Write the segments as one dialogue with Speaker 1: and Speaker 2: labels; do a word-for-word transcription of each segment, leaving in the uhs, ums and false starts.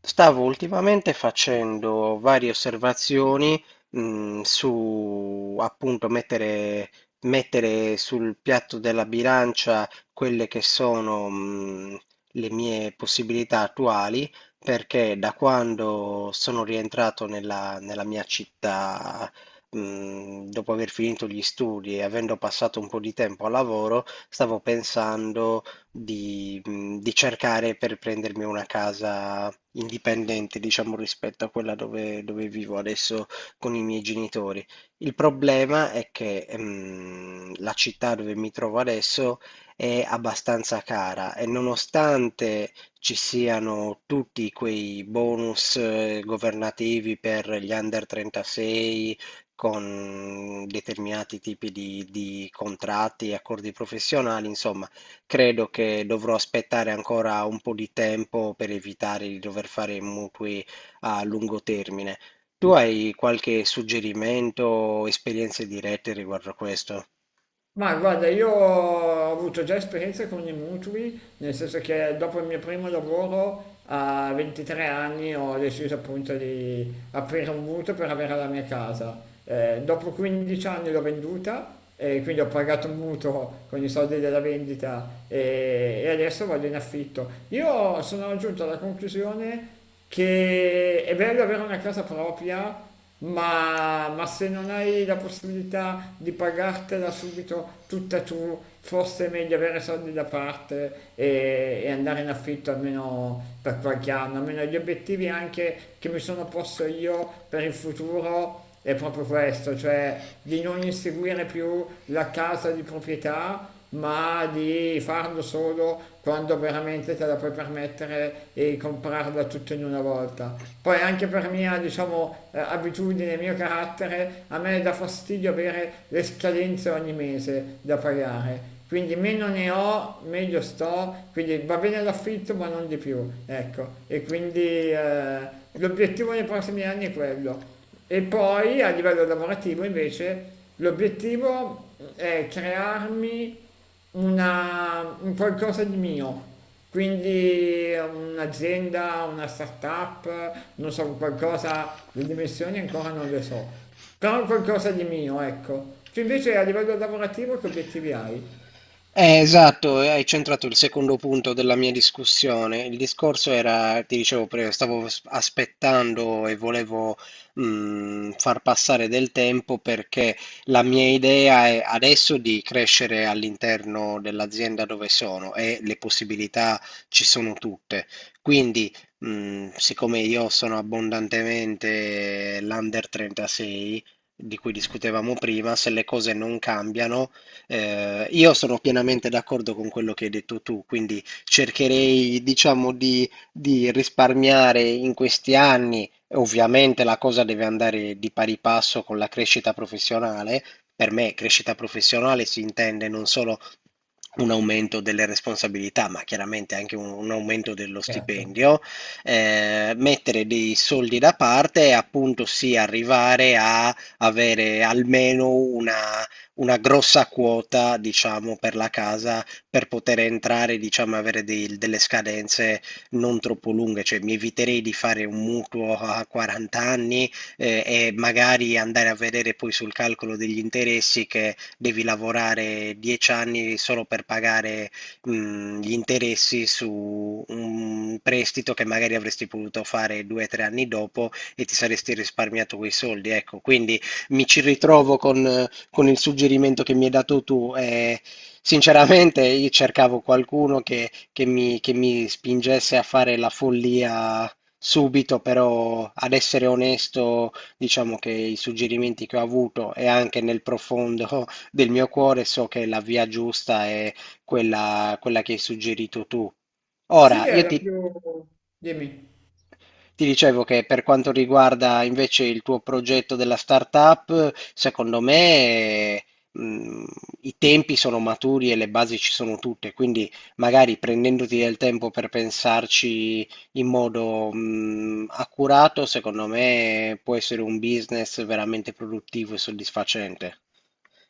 Speaker 1: Stavo ultimamente facendo varie osservazioni, mh, su appunto mettere, mettere sul piatto della bilancia quelle che sono, mh, le mie possibilità attuali, perché da quando sono rientrato nella, nella mia città, mh, dopo aver finito gli studi e avendo passato un po' di tempo al lavoro, stavo pensando di, mhmm, di cercare per prendermi una casa indipendente, diciamo, rispetto a quella dove dove vivo adesso con i miei genitori. Il problema è che, ehm, la città dove mi trovo adesso è abbastanza cara, e nonostante ci siano tutti quei bonus eh, governativi per gli under trentasei con determinati tipi di di contratti e accordi professionali, insomma, credo che dovrò aspettare ancora un po' di tempo per evitare di dover fare mutui a lungo termine. Tu hai qualche suggerimento o esperienze dirette riguardo a questo?
Speaker 2: Ma guarda, io ho avuto già esperienze con i mutui, nel senso che dopo il mio primo lavoro a ventitré anni ho deciso appunto di aprire un mutuo per avere la mia casa. Eh, dopo quindici anni l'ho venduta e quindi ho pagato un mutuo con i soldi della vendita e, e adesso vado in affitto. Io sono giunto alla conclusione che è bello avere una casa propria, ma, ma se non hai la possibilità di pagartela subito tutta tu, forse è meglio avere soldi da parte e, e andare in affitto almeno per qualche anno. Almeno gli obiettivi anche che mi sono posto io per il futuro è proprio questo, cioè di non inseguire più la casa di proprietà, ma di farlo solo quando veramente te la puoi permettere e comprarla tutto in una volta. Poi anche per mia, diciamo, eh, abitudine, mio carattere, a me dà fastidio avere le scadenze ogni mese da pagare. Quindi meno ne ho, meglio sto, quindi va bene l'affitto ma non di più, ecco. E quindi eh, l'obiettivo nei prossimi anni è quello. E poi a livello lavorativo invece l'obiettivo è crearmi una, un qualcosa di mio, quindi un'azienda, una startup, non so, qualcosa, le dimensioni ancora non le so, però qualcosa di mio, ecco. Tu invece a livello lavorativo che obiettivi hai?
Speaker 1: Eh, esatto, e hai centrato il secondo punto della mia discussione. Il discorso era, ti dicevo prima, stavo s- aspettando e volevo mh, far passare del tempo, perché la mia idea è adesso di crescere all'interno dell'azienda dove sono, e le possibilità ci sono tutte. Quindi, mh, siccome io sono abbondantemente l'under trentasei, di cui discutevamo prima, se le cose non cambiano, eh, io sono pienamente d'accordo con quello che hai detto tu, quindi cercherei, diciamo, di, di risparmiare in questi anni. Ovviamente la cosa deve andare di pari passo con la crescita professionale. Per me crescita professionale si intende non solo un aumento delle responsabilità, ma chiaramente anche un, un aumento dello
Speaker 2: Certo.
Speaker 1: stipendio, eh, mettere dei soldi da parte e appunto sì, arrivare a avere almeno una una grossa quota, diciamo, per la casa, per poter entrare, diciamo, avere dei- delle scadenze non troppo lunghe, cioè mi eviterei di fare un mutuo a quaranta anni, eh, e magari andare a vedere poi sul calcolo degli interessi, che devi lavorare dieci anni solo per pagare mh, gli interessi su un prestito che magari avresti potuto fare due o tre anni dopo e ti saresti risparmiato quei soldi, ecco. Quindi mi ci ritrovo con eh, con il suggerimento che mi hai dato tu. Eh, sinceramente, io cercavo qualcuno che, che mi, che mi spingesse a fare la follia subito, però ad essere onesto, diciamo che i suggerimenti che ho avuto, e anche nel profondo del mio cuore, so che la via giusta è quella, quella che hai suggerito tu.
Speaker 2: Sì,
Speaker 1: Ora,
Speaker 2: è
Speaker 1: io
Speaker 2: la
Speaker 1: ti,
Speaker 2: più... Dimmi.
Speaker 1: ti dicevo che per quanto riguarda invece il tuo progetto della startup, secondo me, mh, i tempi sono maturi e le basi ci sono tutte, quindi magari prendendoti del tempo per pensarci in modo, mh, accurato, secondo me può essere un business veramente produttivo e soddisfacente.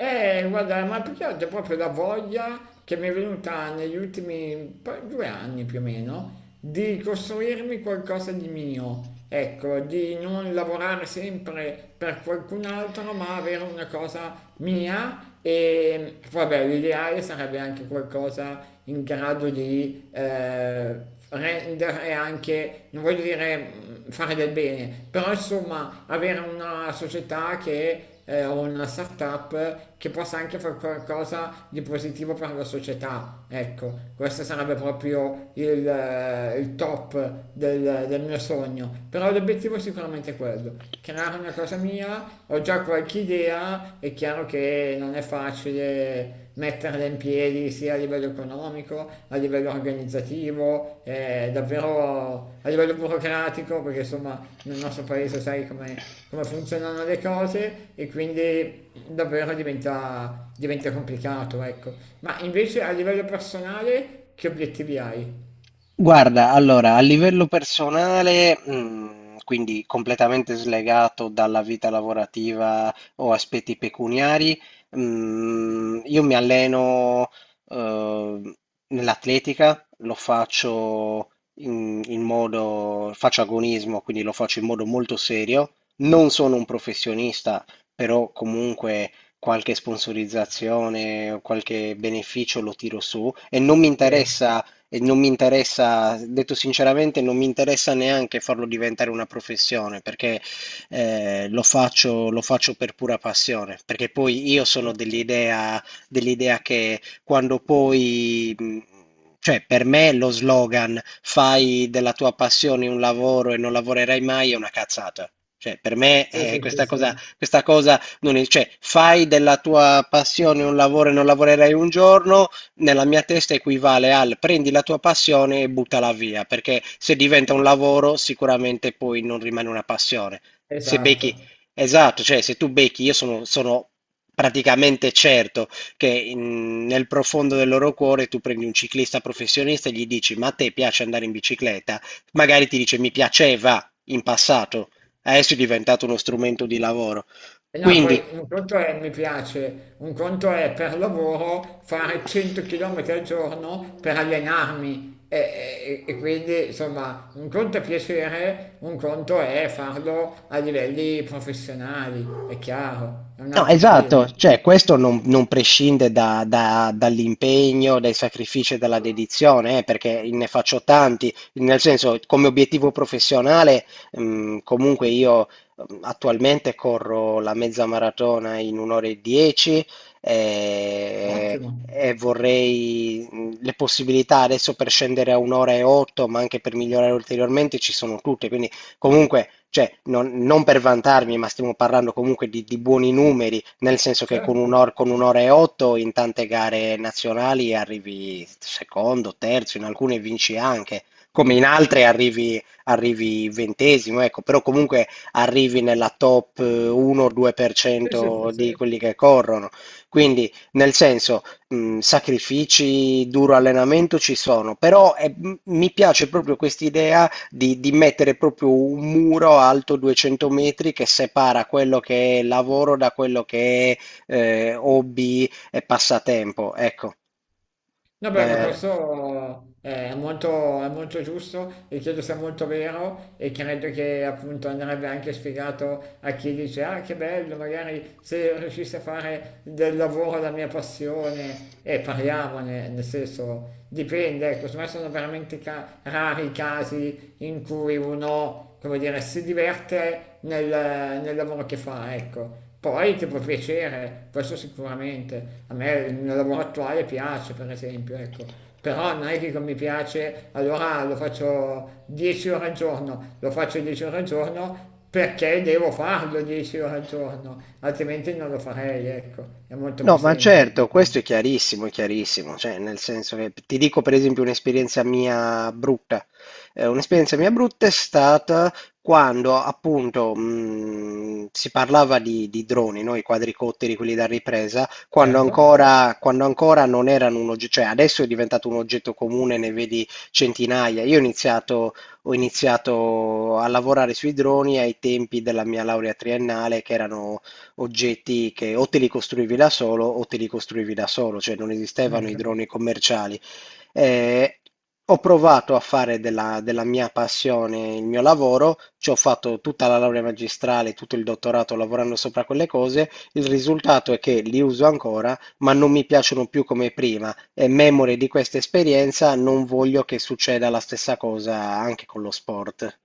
Speaker 2: Eh, guarda, ma più che altro è proprio la voglia che mi è venuta negli ultimi, poi, due anni più o meno di costruirmi qualcosa di mio, ecco, di non lavorare sempre per qualcun altro, ma avere una cosa mia. E vabbè, l'ideale sarebbe anche qualcosa in grado di eh, rendere anche, non voglio dire mh, fare del bene, però insomma avere una società che eh, o una startup che possa anche fare qualcosa di positivo per la società. Ecco, questo sarebbe proprio il, eh, il top del, del mio sogno. Però l'obiettivo è sicuramente quello, creare una cosa mia. Ho già qualche idea, è chiaro che non è facile metterla in piedi sia a livello economico, a livello organizzativo, eh, davvero a livello burocratico, perché insomma nel nostro paese sai come come funzionano le cose e quindi davvero diventa, diventa complicato, ecco. Ma invece a livello personale che obiettivi hai?
Speaker 1: Guarda, allora, a livello personale, mm, quindi completamente slegato dalla vita lavorativa o aspetti pecuniari, mm, io mi alleno, eh, nell'atletica. Lo faccio in, in modo, faccio agonismo, quindi lo faccio in modo molto serio. Non sono un professionista, però comunque qualche sponsorizzazione o qualche beneficio lo tiro su, e non mi
Speaker 2: Bene.
Speaker 1: interessa e non mi interessa, detto sinceramente, non mi interessa neanche farlo diventare una professione, perché eh, lo faccio, lo faccio per pura passione, perché poi io sono dell'idea dell'idea che quando poi. mh, Cioè, per me lo slogan «fai della tua passione un lavoro e non lavorerai mai» è una cazzata. Cioè, per me
Speaker 2: Sì,
Speaker 1: eh,
Speaker 2: sì, sì,
Speaker 1: questa
Speaker 2: sì,
Speaker 1: cosa, questa cosa non è, cioè, «fai della tua passione un lavoro e non lavorerai un giorno», nella mia testa equivale al «prendi la tua passione e buttala via», perché se diventa un lavoro sicuramente poi non rimane una passione. Se becchi,
Speaker 2: esatto.
Speaker 1: esatto, cioè se tu becchi, io sono, sono praticamente certo che in- nel profondo del loro cuore, tu prendi un ciclista professionista e gli dici, ma a te piace andare in bicicletta? Magari ti dice, mi piaceva in passato, adesso è diventato uno strumento di lavoro.
Speaker 2: E no, poi
Speaker 1: Quindi,
Speaker 2: un conto è mi piace, un conto è per lavoro fare cento chilometri al giorno per allenarmi. E, e- e quindi insomma un conto è piacere, un conto è farlo a livelli professionali, è chiaro, è un
Speaker 1: no,
Speaker 2: altro
Speaker 1: esatto,
Speaker 2: film.
Speaker 1: cioè questo non, non prescinde da- da- dall'impegno, dai sacrifici e dalla dedizione, eh, perché ne faccio tanti, nel senso, come obiettivo professionale, mh, comunque io mh, attualmente corro la mezza maratona in un'ora e dieci, eh,
Speaker 2: Ottimo.
Speaker 1: e vorrei mh, le possibilità adesso per scendere a un'ora e otto, ma anche per migliorare ulteriormente ci sono tutte. Quindi, comunque, cioè, non, non per vantarmi, ma stiamo parlando comunque di, di buoni numeri, nel senso che con
Speaker 2: Certo,
Speaker 1: un'ora, con un'ora e otto in tante gare nazionali arrivi secondo, terzo, in alcune vinci anche, come in altre arrivi, arrivi ventesimo, ecco, però comunque arrivi nella top
Speaker 2: sì, sì, sì,
Speaker 1: uno-due per cento
Speaker 2: sì.
Speaker 1: di quelli che corrono. Quindi, nel senso, mh, sacrifici, duro allenamento ci sono, però eh, m- mi piace proprio quest'idea di, di mettere proprio un muro alto duecento metri che separa quello che è lavoro da quello che è, eh, hobby e passatempo. Ecco,
Speaker 2: No, beh, ma
Speaker 1: la-
Speaker 2: questo eh, è molto, è molto giusto e credo sia molto vero e credo che appunto andrebbe anche spiegato a chi dice ah che bello, magari se riuscissi a fare del lavoro la mia passione e parliamone, nel senso, dipende, ecco. Secondo me sono veramente ca- rari i casi in cui uno, come dire, si diverte nel, nel lavoro che fa, ecco. Poi ti può piacere, questo sicuramente. A me il mio lavoro attuale piace, per esempio, ecco. Però non è che come mi piace, allora lo faccio dieci ore al giorno, lo faccio dieci ore al giorno perché devo farlo dieci ore al giorno, altrimenti non lo farei, ecco. È molto
Speaker 1: no,
Speaker 2: più
Speaker 1: ma
Speaker 2: semplice.
Speaker 1: certo, questo è chiarissimo, è chiarissimo, cioè nel senso che ti dico per esempio un'esperienza mia brutta. Eh, un'esperienza mia brutta è stata quando appunto mh, si parlava di, di droni, no? I quadricotteri, quelli da ripresa, quando
Speaker 2: Certo,
Speaker 1: ancora, quando ancora non erano un oggetto, cioè adesso è diventato un oggetto comune, ne vedi centinaia. Io ho iniziato, ho iniziato a lavorare sui droni ai tempi della mia laurea triennale, che erano oggetti che o te li costruivi da solo o te li costruivi da solo, cioè non esistevano i
Speaker 2: ecco.
Speaker 1: droni commerciali. Eh, Ho provato a fare della, della mia passione il mio lavoro, ci ho fatto tutta la laurea magistrale, tutto il dottorato lavorando sopra quelle cose. Il risultato è che li uso ancora, ma non mi piacciono più come prima. E memore di questa esperienza, non voglio che succeda la stessa cosa anche con lo sport.